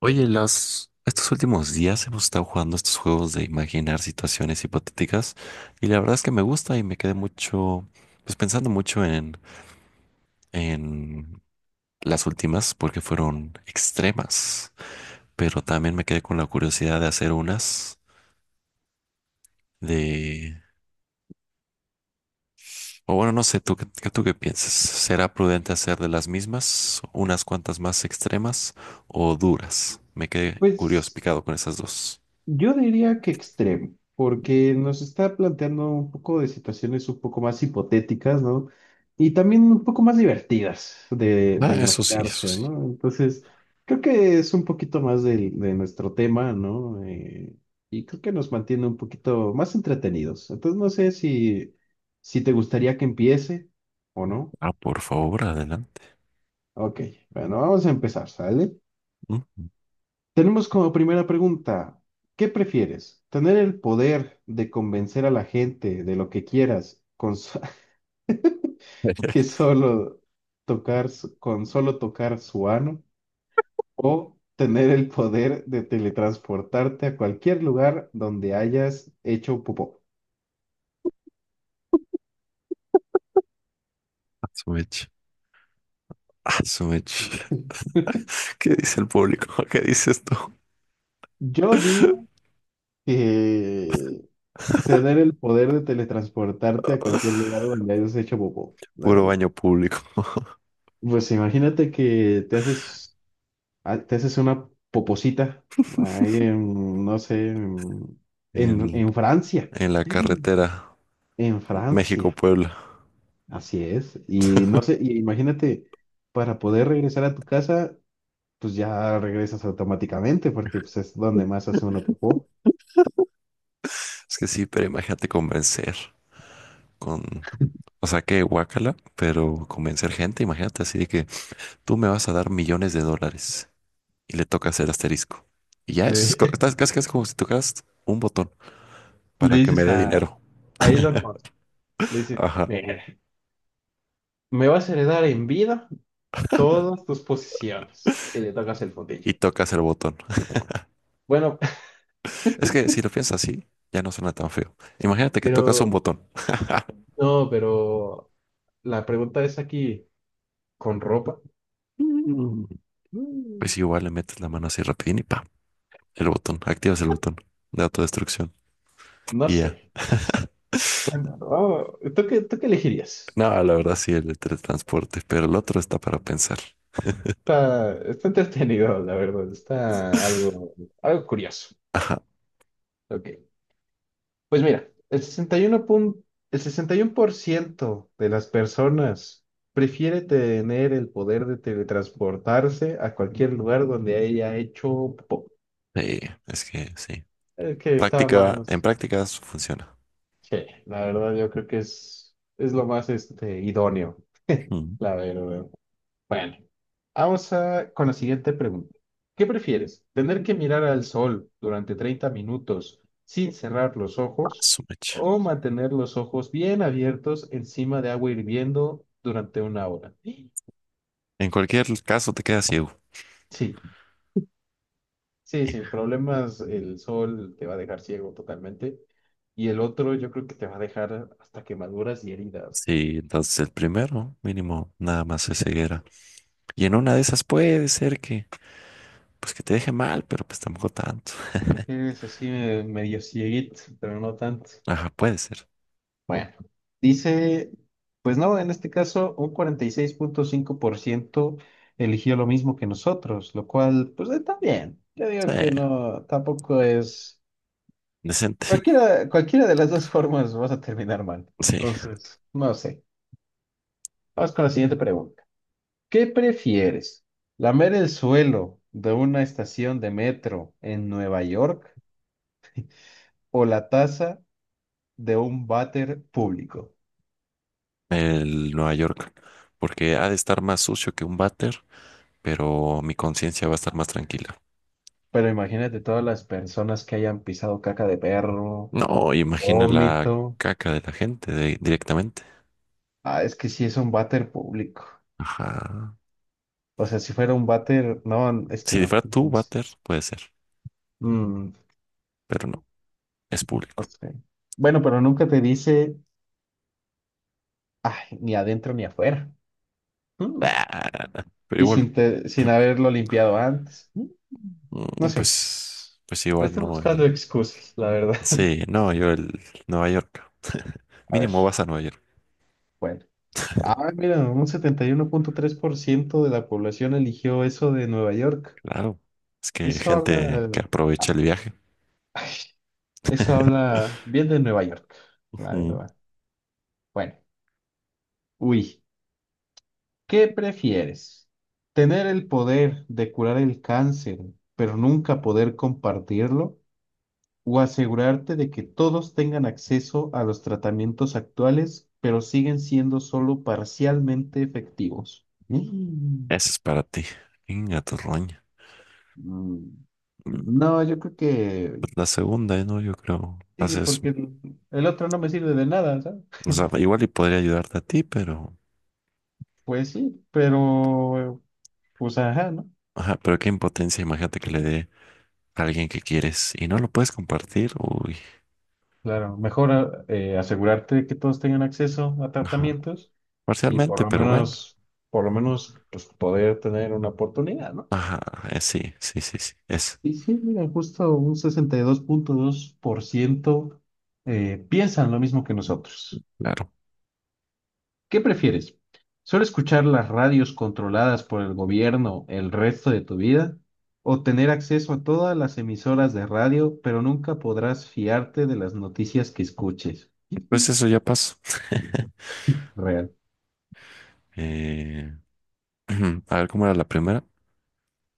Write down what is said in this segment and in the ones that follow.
Oye, estos últimos días hemos estado jugando estos juegos de imaginar situaciones hipotéticas, y la verdad es que me gusta y me quedé mucho, pues pensando mucho en las últimas porque fueron extremas, pero también me quedé con la curiosidad de hacer unas de, o bueno, no sé, ¿tú, tú qué piensas? ¿Será prudente hacer de las mismas unas cuantas más extremas o duras? Me quedé curioso, Pues picado con esas dos. yo diría que extremo, porque nos está planteando un poco de situaciones un poco más hipotéticas, ¿no? Y también un poco más divertidas de, Ah, de eso sí, eso imaginarse, sí. ¿no? Entonces, creo que es un poquito más de nuestro tema, ¿no? Y creo que nos mantiene un poquito más entretenidos. Entonces, no sé si te gustaría que empiece o no. Ah, por favor, adelante. Ok, bueno, vamos a empezar, ¿sale? Mm. Tenemos como primera pregunta, ¿qué prefieres? ¿Tener el poder de convencer a la gente de lo que quieras que solo tocar su- con solo tocar su ano, o tener el poder de teletransportarte a cualquier lugar donde hayas hecho popó? Asumech, asumech. ¿Qué dice el público? ¿Qué dices tú? Yo digo que tener el poder de teletransportarte a cualquier lugar donde hayas hecho popó, la Puro verdad. baño público Pues imagínate que te haces. Ah, te haces una poposita ahí en, no sé, en, en- en, en Francia. en la ¡Ay! carretera En Francia, México-Puebla. así es. Y no sé, y imagínate, para poder regresar a tu casa, pues ya regresas automáticamente, porque pues, es donde más hace uno popó. Es que sí, pero imagínate convencer con, o sea, que guácala, pero convencer gente, imagínate así de que tú me vas a dar millones de dólares y le tocas el asterisco. Y ya Le, es, estás casi, casi como si tocas un botón Le para que me dices dé a, dinero. a Elon Musk, le dices, Ajá. "Mira, me vas a heredar en vida todas tus posesiones." Y le tocas el fundillo. Y tocas el botón. Bueno, Es que si lo piensas así, ya no suena tan feo. Imagínate que tocas un pero, botón. no, pero la pregunta es aquí. ¿Con ropa? Mm. Mm, Pues igual le metes la mano así rapidín y pa, el botón, activas el botón de autodestrucción No y sé. ya. Oh, ¿tú qué elegirías? No, la verdad sí, el de teletransporte, pero el otro está para pensar. Está, está entretenido, la verdad. Está algo, algo curioso. Ajá. Ok. Pues mira, el 61% de las personas prefiere tener el poder de teletransportarse a cualquier lugar donde haya hecho popó. Sí, es que sí. Es que está Práctica, en más... prácticas funciona. Sí, la verdad yo creo que es lo más, este, idóneo, Mm. la verdad. Bueno. Vamos a, con la siguiente pregunta. ¿Qué prefieres? ¿Tener que mirar al sol durante 30 minutos sin cerrar los Ah, ojos, su mecha. o mantener los ojos bien abiertos encima de agua hirviendo durante una hora? Sí, En cualquier caso te quedas ciego. sí, sin problemas. El sol te va a dejar ciego totalmente y el otro yo creo que te va a dejar hasta quemaduras y heridas. Sí, entonces el primero, mínimo, nada más es ceguera. Y en una de esas puede ser que pues que te deje mal, pero pues tampoco tanto. Te quedas así, medio cieguito, pero no tanto. Ajá, puede ser. Bueno, dice, pues no, en este caso un 46.5% eligió lo mismo que nosotros, lo cual, pues está bien. Yo Sí, digo que no, tampoco es... decente. Cualquiera, cualquiera de las dos formas vas a terminar mal. Sí, Entonces, no sé. Vamos con la siguiente pregunta. ¿Qué prefieres? ¿Lamer el suelo de una estación de metro en Nueva York, o la taza de un váter público? el Nueva York. Porque ha de estar más sucio que un váter, pero mi conciencia va a estar más tranquila. Pero imagínate todas las personas que hayan pisado caca de perro, No, imagina la vómito. caca de la gente directamente. Ah, es que sí es un váter público. Ajá. O sea, si fuera un váter, no, es que Si no. fuera tu No sé. váter, puede ser, Mm, pero no, es público. no sé. Bueno, pero nunca te dice, ay, ni adentro ni afuera. Mm. Ah, pero Y igual, sin, sin haberlo limpiado antes. Mm. No mm, sé. Pues Le igual estoy no buscando el. excusas, la verdad. Sí, no, yo el Nueva York. A ver, Mínimo vas a Nueva York. bueno. Ah, mira, un 71.3% de la población eligió eso de Nueva York. Claro, es que hay Eso gente habla. que aprovecha el viaje. Eso habla bien de Nueva York, la Mm, verdad. Bueno, uy, ¿qué prefieres? ¿Tener el poder de curar el cáncer, pero nunca poder compartirlo? ¿O asegurarte de que todos tengan acceso a los tratamientos actuales, pero siguen siendo solo parcialmente efectivos? Esa es para ti. Inga tu roña. mm, Mm, No, yo creo que pues la segunda, ¿eh? ¿No? Yo creo. sí, Haces, porque el otro no me sirve de nada, ¿sabes? o sea, igual y podría ayudarte a ti, Pues sí, pero, pues ajá, ¿no? ajá, pero qué impotencia, imagínate que le dé a alguien que quieres y no lo puedes compartir. Uy, Claro, mejor asegurarte de que todos tengan acceso a ajá, tratamientos y parcialmente, pero bueno. Por lo menos, pues poder tener una oportunidad, ¿no? Ajá, sí, sí, sí, sí, Y sí, mira, justo un 62.2% piensan lo mismo que nosotros. claro. ¿Qué prefieres? ¿Solo escuchar las radios controladas por el gobierno el resto de tu vida? ¿O tener acceso a todas las emisoras de radio, pero nunca podrás fiarte de las noticias que escuches? Pues eso ya pasó. Realmente, Eh, a ver cómo era la primera.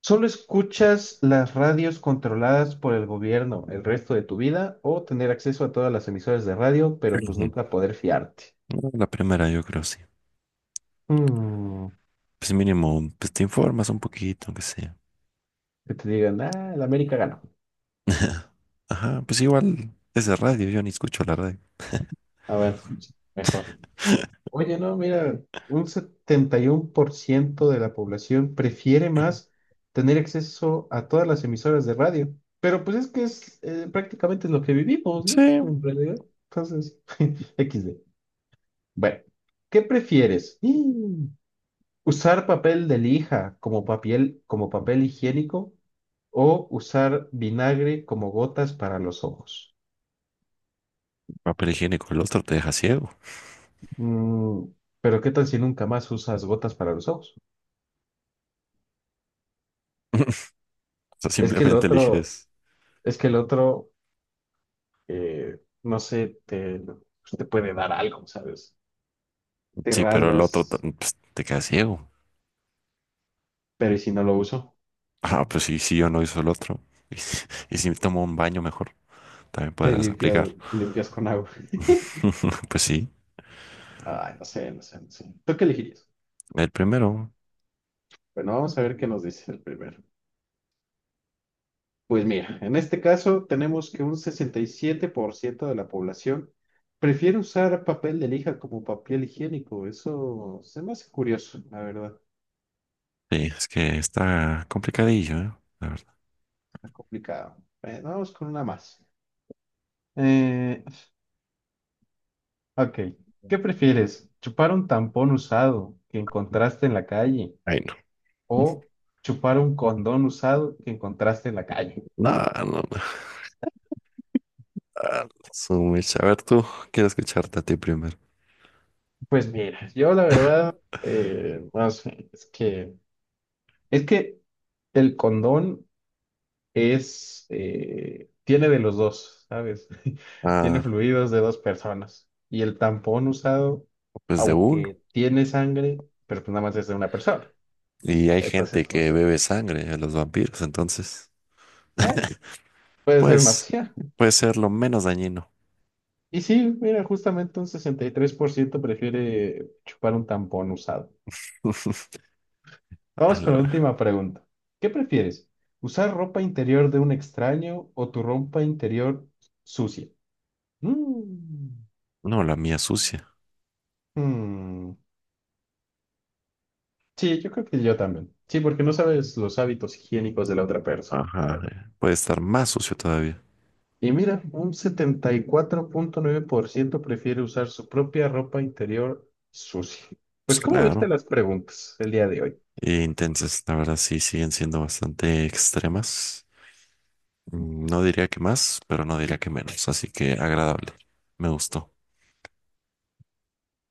¿solo escuchas las radios controladas por el gobierno el resto de tu vida o tener acceso a todas las emisoras de radio, pero pues Ujú. nunca poder fiarte? No, la primera, yo creo, sí. Mm, Pues mínimo, pues te informas un poquito, aunque sea. que te digan, ah, la América ganó. Ajá, pues igual es de radio, yo ni escucho la radio. A ver, mejor. Oye, no, mira, un 71% de la población prefiere más tener acceso a todas las emisoras de radio, pero pues es que es, prácticamente es lo que vivimos, Sí, ¿no? En realidad. Entonces, XD. Bueno, ¿qué prefieres? Mm. ¿Usar papel de lija como papel higiénico, o usar vinagre como gotas para los ojos? papel higiénico, el otro te deja ciego. Mm, pero ¿qué tal si nunca más usas gotas para los ojos? O sea, Es que el simplemente otro, eliges, es que el otro, no sé, te puede dar algo, ¿sabes? Te sí, pero el otro rasgas, pues, te queda ciego. pero ¿y si no lo uso? Ah, pues sí, si yo no hizo el otro. Y, si y si me tomo un baño mejor, también Te podrás limpias, aplicar. limpias con agua. Pues sí, Ay, no sé, no sé, no sé. ¿Tú qué elegirías? el primero, Bueno, vamos a ver qué nos dice el primero. Pues mira, en este caso tenemos que un 67% de la población prefiere usar papel de lija como papel higiénico. Eso se me hace curioso, la verdad. sí, es que está complicadillo, ¿eh? La verdad. Está complicado. Vamos con una más. Eh, ok, ¿qué prefieres? ¿Chupar un tampón usado que encontraste en la calle, Ay, no. o chupar un condón usado que encontraste en la calle? No, no, no. Ah, su mecha. A ver, tú quiero escucharte a ti primero. Pues mira, yo la verdad, no sé, es que... Es que el condón es, tiene de los dos, ¿sabes? Tiene Ah, fluidos de dos personas. Y el tampón usado, pues de uno. aunque tiene sangre, pero pues nada más es de una persona. Y hay gente Entonces, no que sé. bebe sangre de los vampiros, entonces, Bueno, puede ser una pues, opción. puede ser lo menos dañino. Y sí, mira, justamente un 63% prefiere chupar un tampón usado. A Vamos con la la- última pregunta. ¿Qué prefieres? ¿Usar ropa interior de un extraño o tu ropa interior sucia? Mm. no, la mía sucia. Mm. Sí, yo creo que yo también. Sí, porque no sabes los hábitos higiénicos de la otra persona, la Ajá, verdad. Puede estar más sucio todavía. Y mira, un 74.9% prefiere usar su propia ropa interior sucia. Pues Pues, ¿cómo viste claro. las preguntas el día de hoy? E intensas, la verdad, sí, siguen siendo bastante extremas. Mm, no diría que más, pero no diría que menos, así que agradable. Me gustó.